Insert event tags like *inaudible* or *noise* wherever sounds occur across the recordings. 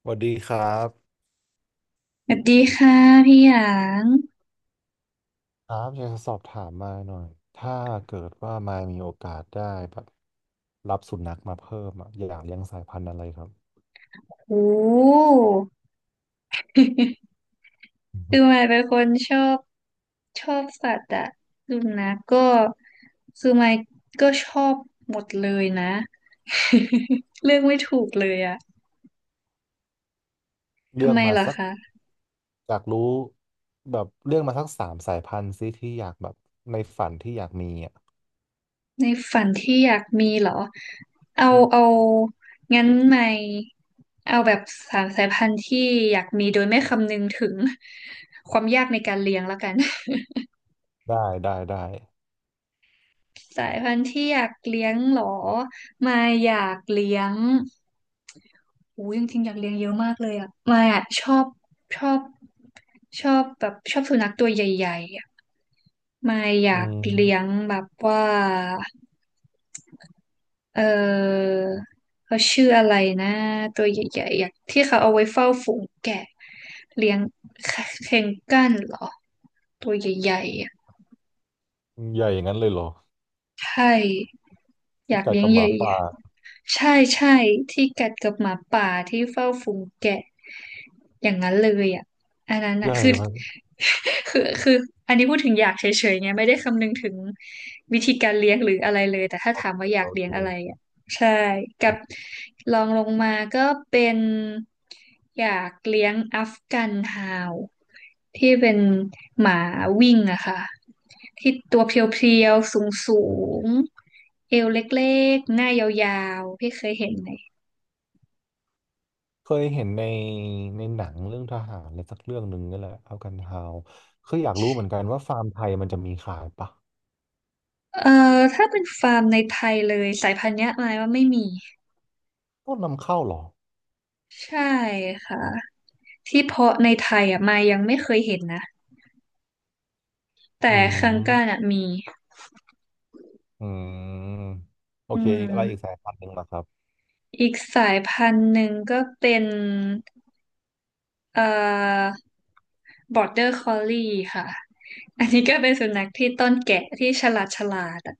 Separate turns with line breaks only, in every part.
สวัสดีครับ
สวัสดีค่ะพี่หยาง
ครับอยากจะสอบถามมายหน่อยถ้าเกิดว่ามายมีโอกาสได้แบบรับสุนัขมาเพิ่มอะอยากเลี้ยงสายพันธุ์อะไรครับ
โอ้คือมายเป็นคนชอบสัตว์อะสุนัขก็คือมายก็ชอบหมดเลยนะ *laughs* เลือกไม่ถูกเลยอะ
เลื
ทำ
อก
ไม
มา
เหรอ
สัก
คะ
อยากรู้แบบเลือกมาสักสามสายพันธุ์ซิที่อยากแบบในฝันที่อยากมีอ่ะ
ในฝันที่อยากมีเหรอเอา
อื
เอา
ม
งั้นมายเอาแบบสามสายพันธุ์ที่อยากมีโดยไม่คำนึงถึงความยากในการเลี้ยงแล้วกัน
ได้ได้
สายพันธุ์ที่อยากเลี้ยงเหรอมายอยากเลี้ยงอู้จริงๆอยากเลี้ยงเยอะมากเลยอ่ะมายอ่ะชอบชอบแบบชอบสุนัขตัวใหญ่ๆอ่ะมายอยา
อื
กเลี้ยง
ม
แบบว่าเออเขาชื่ออะไรนะตัวใหญ่ๆอยากที่เขาเอาไว้เฝ้าฝูงแกะเลี้ยงเคเคนกันเหรอตัวใหญ่ๆอ่ะ
ใหญ่อย่างนั้นเลยเหรอ
ใช่อ
ที่
ยาก
ไก่
เลี้ยง
กับห
ให
มา
ญ่
ป่า
ใช่ใช่ที่กัดกับหมาป่าที่เฝ้าฝูงแกะอย่างนั้นเลยอ่ะอันนั้น
ให
อ่ะ
ญ่
คือ
ไหม
*laughs* คืออันนี้พูดถึงอยากเฉยๆไงไม่ได้คำนึงถึงวิธีการเลี้ยงหรืออะไรเลยแต่ถ้า
โอ
ถา
เค
มว่าอยา
โอ
กเลี้ยงอะไร
เค
อ่ะใช่กับลองลงมาก็เป็นอยากเลี้ยงอัฟกันฮาวที่เป็นหมาวิ่งอะค่ะที่ตัวเพรียวๆสูงๆเอวเล็กๆหน้ายาวๆพี่เคยเห็นไหม
เคยเห็นในหนังเรื่องทหารอะไรสักเรื่องหนึ่งนี่แหละเอากันฮาวคืออยากรู้เหมือนกันว่าฟาร์มไทยมันจะมีขายปะ
เอ่อถ้าเป็นฟาร์มในไทยเลยสายพันธุ์เนี้ยมายว่าไม่มี
ต้องนำเข้าเหรอ
ใช่ค่ะที่เพาะในไทยอ่ะมายยังไม่เคยเห็นนะ
อื
แต่คังก้า
ม
น่ะมี
อืมโอ
อื
เคอีกอะไรอีกสา
ม
ยพันธุ์หนึ่งเหรอครับ
อีกสายพันธุ์หนึ่งก็เป็นเอ่อ Border Collie ค่ะอันนี้ก็เป็นสุนัขที่ต้อนแกะที่ฉลาดฉลาดอะ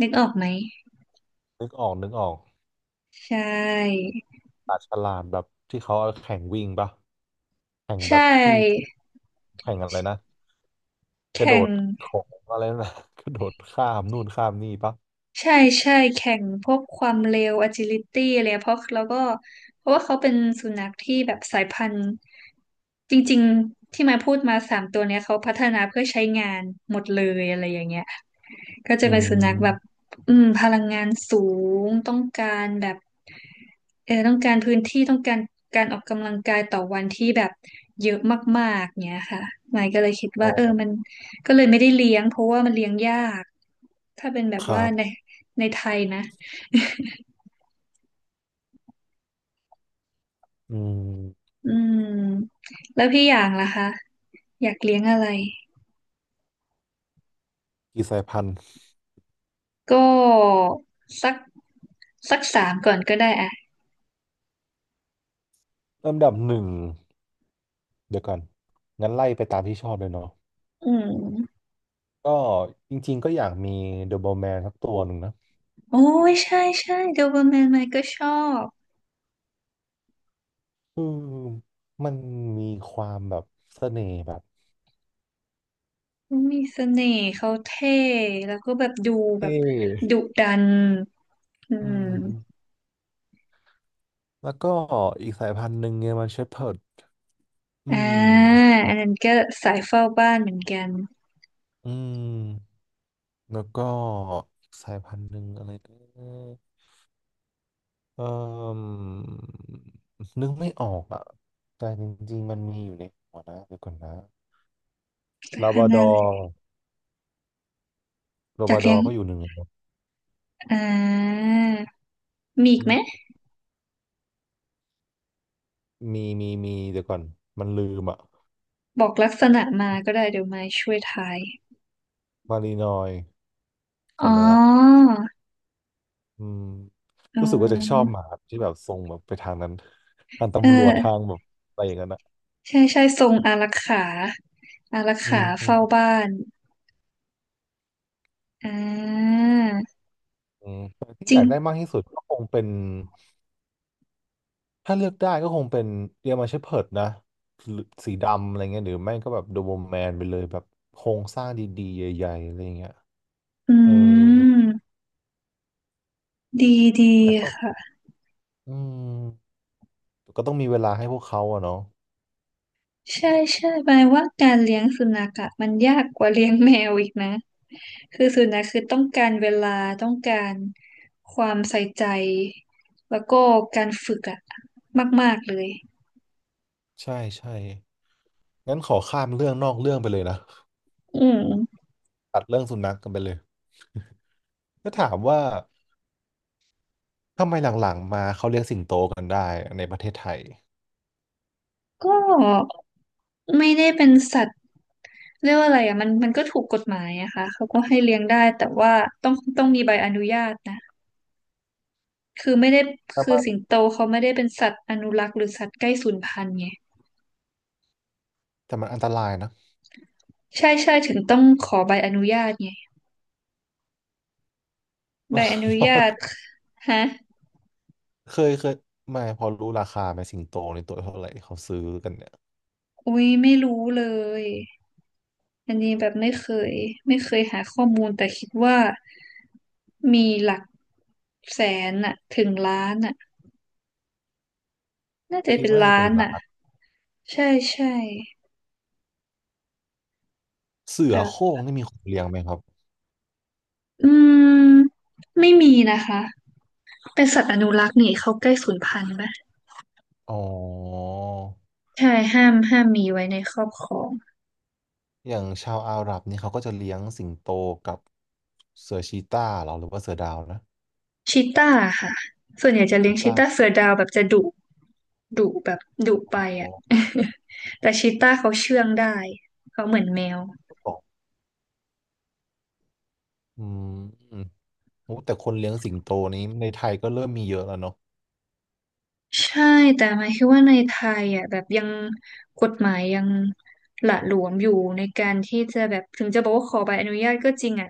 นึกออกไหม
นึกออก
ใช่
ปลาฉลามแบบที่เขาเอาแข่งวิ่งปะแข่ง
ใช
แบบที่
่
แข่งอะไรนะกระ
แข่
โด
ง
ดของอะไรนะ *laughs* กระโดดข้ามนู่นข้ามนี่ปะ
ใช่ใช่แข่งพวกความเร็ว agility อะไรเงี้ยเพราะแล้วก็เพราะว่าเขาเป็นสุนัขที่แบบสายพันธุ์จริงๆที่มาพูดมาสามตัวเนี้ยเขาพัฒนาเพื่อใช้งานหมดเลยอะไรอย่างเงี้ย ก็จะ
อื
เป็นสุนัขแบบ
ม
อืมพลังงานสูงต้องการแบบเออต้องการพื้นที่ต้องการการออกกำลังกายต่อวันที่แบบเยอะมากๆเนี้ยค่ะหมายก็เลยคิด
อ๋
ว่า
อ
เออมันก็เลยไม่ได้เลี้ยงเพราะว่ามันเลี้ยงยากถ้าเป็นแบบ
ค
ว่า
รับ
ในในไทยนะ
อืม
อืมแล้วพี่อย่างล่ะคะอยากเลี้ยงอะไร
กี่สายพันธุ์
ก็สักสักสามก่อนก็ได้อะ
ลำดับหนึ่ง เดี๋ยวก่อนงั้นไล่ไปตามที่ชอบเลยเนาะ
อืม
ก็จริงๆก็อยากมีเดอะโบวแมนสักตัวหนึ่งนะ
โอ้ยใช่ใช่โดเบอร์แมนไมค์ก็ชอบ
คือมันมีความแบบเสน่ห์แบบ
เขามีเสน่ห์เขาเท่แล้วก็แบบดูแบ
เท่
บดุดันอื
อื
ม
มแล้วก็อีกสายพันธุ์หนึ่งเนี่ยมันเชพเพิร์ดอื
อ่า
ม
อันนั้นก็สายเฝ้าบ้านเหมือนกัน
อืมแล้วก็อีกสายพันธุ์หนึ่งอะไรนะเอ่มนึกไม่ออกอ่ะแต่จริงๆมันมีอยู่ในหัวนะเดี๋ยวก่อนนะ
สาย
ลาบ
พัน
รา
ธุ์
ด
อะ
อ
ไร
ร์ลาบ
จาก
ราด
เลี้
อ
ยง
ร์ก็อยู่หนึ่งในนั้น
อ่ามีอีกไหม
มีเดี๋ยวก่อนมันลืมอะ
บอกลักษณะมาก็ได้เดี๋ยวไม้ช่วยทาย
มารีนอย
อ๋
จำได้ละ
อ
อืม
อ๋
รู้สึกว่าจะชอบ
อ
หมาที่แบบทรงแบบไปทางนั้น *laughs* ทาง
เ
ตำรวจทา
ออ
งแบบอะไรอย่างนั้นอะ
ใช่ใช่ทรงอารักขาอารัก
อื
ขา
มอืม
เฝ้าบ้านอ่า
อืมแต่ที่
จ
อ
ริ
ยา
ง
กได้มากที่สุดก็คงเป็นถ้าเลือกได้ก็คงเป็นเดอรมาเชพเพิร์ดนะหรือสีดำอะไรเงี้ยหรือไม่ก็แบบโดเบอะ o ว m แมนไปเลยแบบโครงสร้างดีๆใหญ่ๆอะไรเงี้ย
อื
เออ
มดีดี
แต่ก็
ค่ะ
อืมก็ต้องมีเวลาให้พวกเขาอะเนาะ
ใช่ใช่หมายว่าการเลี้ยงสุนัขอะมันยากกว่าเลี้ยงแมวอีกนะคือสุนัขคือต้องการเวลาต้องการความใส่ใจแล้วก็การฝึกอะมากๆเลย
ใช่ใช่งั้นขอข้ามเรื่องนอกเรื่องไปเลยนะ
อืม
ตัดเรื่องสุนัขกันไปเลยก็ถามว่าทำไมหลังๆมาเขาเลี้ยงสิงโตกันได้ในประเทศไทย
ก็ไม่ได้เป็นสัตว์เรียกว่าอะไรอะมันมันก็ถูกกฎหมายอะค่ะเขาก็ให้เลี้ยงได้แต่ว่าต้องมีใบอนุญาตนะคือไม่ได้
แต่
คือ
มั
สิง
น
โตเขาไม่ได้เป็นสัตว์อนุรักษ์หรือสัตว์ใกล้สูญพันธุ์ไง
แต่มันอันตรายนะ
ใช่ใช่ถึงต้องขอใบอนุญาตไง ใบอนุญาตฮะ
*laughs* เคยไม่พอรู้ราคาไหมสิงโตในตัวเท่าไหร่เขาซื้อกันเนี่ย
อุ้ยไม่รู้เลย อันนี้แบบไม่เคยหาข้อมูลแต่คิดว่ามีหลักแสนอะถึงล้านอะน่าจะ
คิด
เป็น
ว่าน่า
ล้า
จะเป็น
น
ล้า
อะ
น
ใช่ใช่
เสือ
แต่
โคร่งนี่มีคนเลี้ยงไหมครับ
อืมไม่มีนะคะเป็นสัตว์อนุรักษ์นี่เขาใกล้สูญพันธุ์ปะ
อ๋อ
ใช่ห้ามมีไว้ในครอบครอง
อย่างชาวอาหรับนี่เขาก็จะเลี้ยงสิงโตกับเสือชีตาเหรอหรือว่าเสือดาวนะ
ชีต้าค่ะ ส่วนใหญ่จะเลี้
ชี
ยงชี
ตา
ต้าเสือดาวแบบจะดุดุแบบดุ
อ
ไป
๋อ
อ่ะ *laughs* แต่ชีต้าเขาเชื่องได้ เขาเหมือนแมว
ก็บอกอืมโอ้แต่คนเลี้ยงสิงโตนี้ในไทยก็เริ่มมีเยอะแล้วเนาะ
ใช่แต่หมายคิดว่าในไทยอ่ะแบบยังกฎหมายยังหละหลวมอยู่ในการที่จะแบบถึงจะบอกว่าขอใบอนุญาตก็จริงอ่ะ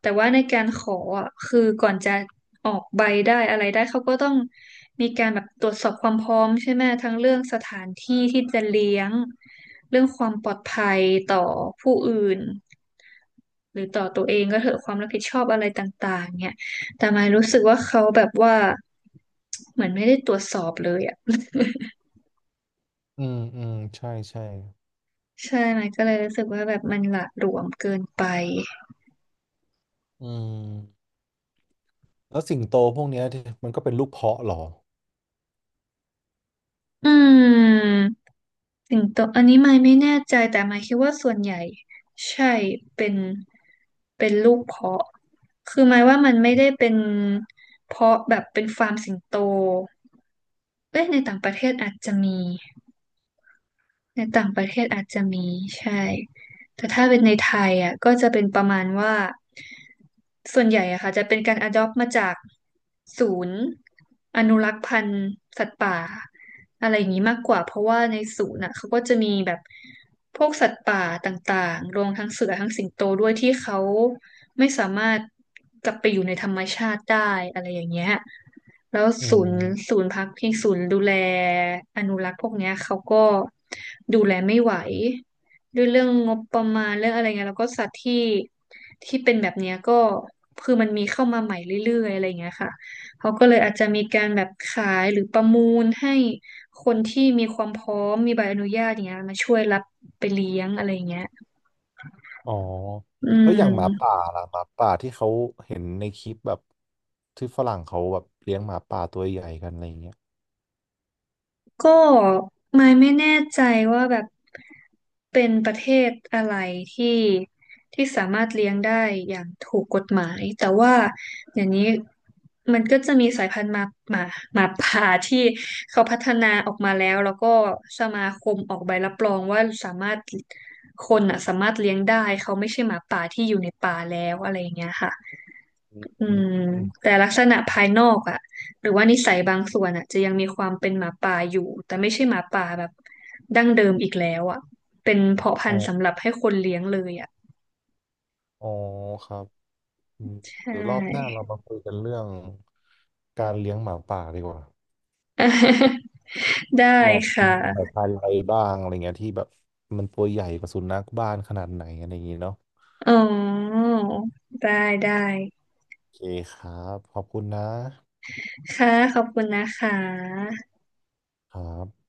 แต่ว่าในการขออ่ะคือก่อนจะออกใบได้อะไรได้เขาก็ต้องมีการแบบตรวจสอบความพร้อมใช่ไหมทั้งเรื่องสถานที่ที่จะเลี้ยงเรื่องความปลอดภัยต่อผู้อื่น หรือต่อตัวเองก็เถอะความรับผิดชอบอะไรต่างๆเนี่ยแต่มายรู้สึกว่าเขาแบบว่าเหมือนไม่ได้ตรวจสอบเลยอ่ะ
อืมอืมใช่ใช่
*laughs* ใช่ไหมก็เลยรู้สึกว่าแบบมันหละหลวมเกินไป
อืมแล้วสิงโตพวกเนี้ยที่มันก็เป็นลูกเพาะเหรอ
อืมสิงโตอันนี้ไมายไม่แน่ใจแต่ไม่ยคิดว่าส่วนใหญ่ใช่เป็นเป็นลูกเพาะคือหมายว่ามันไม่ได้เป็นเพาะแบบเป็นฟาร์มสิงโตเอ้ยในต่างประเทศอาจจะมี ในต่างประเทศอาจจะมีใช่ แต่ถ้าเป็นในไทยอ่ะก็จะเป็นประมาณว่าส่วนใหญ่อะค่ะจะเป็นการ adopt มาจากศูนย์อนุรักษ์พันธุ์สัตว์ป่าอะไรอย่างนี้มากกว่าเพราะว่าในศูนย์อ่ะเขาก็จะมีแบบพวกสัตว์ป่าต่างๆรวมทั้งเสือทั้งสิงโตด้วยที่เขา ไม่สามารถกลับไปอยู่ในธรรมชาติได้อะไรอย่างเงี้ยแล้ว
อื
ศูนย์
ม
ศูนย์พักพิงศูนย์ดูแลอนุรักษ์พวกเนี้ยเขาก็ดูแลไม่ไหวด้วยเรื่องงบประมาณเรื่องอะไรเงี้ยแล้วก็สัตว์ที่ที่เป็นแบบเนี้ยก็คือมันมีเข้ามาใหม่เรื่อยๆอะไรเงี้ยค่ะเขาก็เลยอาจจะมีการแบบขายหรือประมูลให้คนที่มีความพร้อมมีใบอนุญาตอย่างเงี้ยมาช่วยรับไปเลี้ยงอะไรเงี้ย
อ๋อ
อื
แล้วอย่างหมาป่า
ม
ล่ะหมาป่าที่เขาเห็นในคลิปแบบที่ฝรั่งเขาแบบเลี้ยงหมาป่าตัวใหญ่กันอะไรอย่างเงี้ย
ก็ไม่แน่ใจว่าแบบเป็นประเทศอะไรที่ที่สามารถเลี้ยงได้อย่างถูกกฎหมายแต่ว่าอย่างนี้มันก็จะมีสายพันธุ์หมาหมาป่าที่เขาพัฒนาออกมาแล้วแล้วก็สมาคมออกใบรับรองว่าสามารถคนอ่ะสามารถเลี้ยงได้เขาไม่ใช่หมาป่าที่อยู่ในป่าแล้วอะไรอย่างเงี้ยค่ะ อื
อื
ม
ม
แต่ลักษณะภายนอกอะหรือว่านิสัยบางส่วนอะจะยังมีความเป็นหมาป่าอยู่แต่ไม่ใช่หมาป่าแบบดั้งเดิมอีกแล้วอะเป็นเพาะพั
อ๋
น
อ
ธุ์สำหรับให้คนเลี้ยงเลยอะ
อ๋อครับอืมห
ใช่
รือรอบหน้าเรามาคุยกันเรื่องการเลี้ยงหมาป่าดีกว่า
*laughs* ได้
แบบ
ค่ะ
มีสายพันธุ์อะไรบ้างอะไรเงี้ยที่แบบมันตัวใหญ่กว่าสุนัขบ้านขนาดไหนอะไรอย่างงี้เนาะ
อ๋อได้ได้
โอเคครับขอบคุณนะ
ค่ะขอบคุณนะคะ
ครับ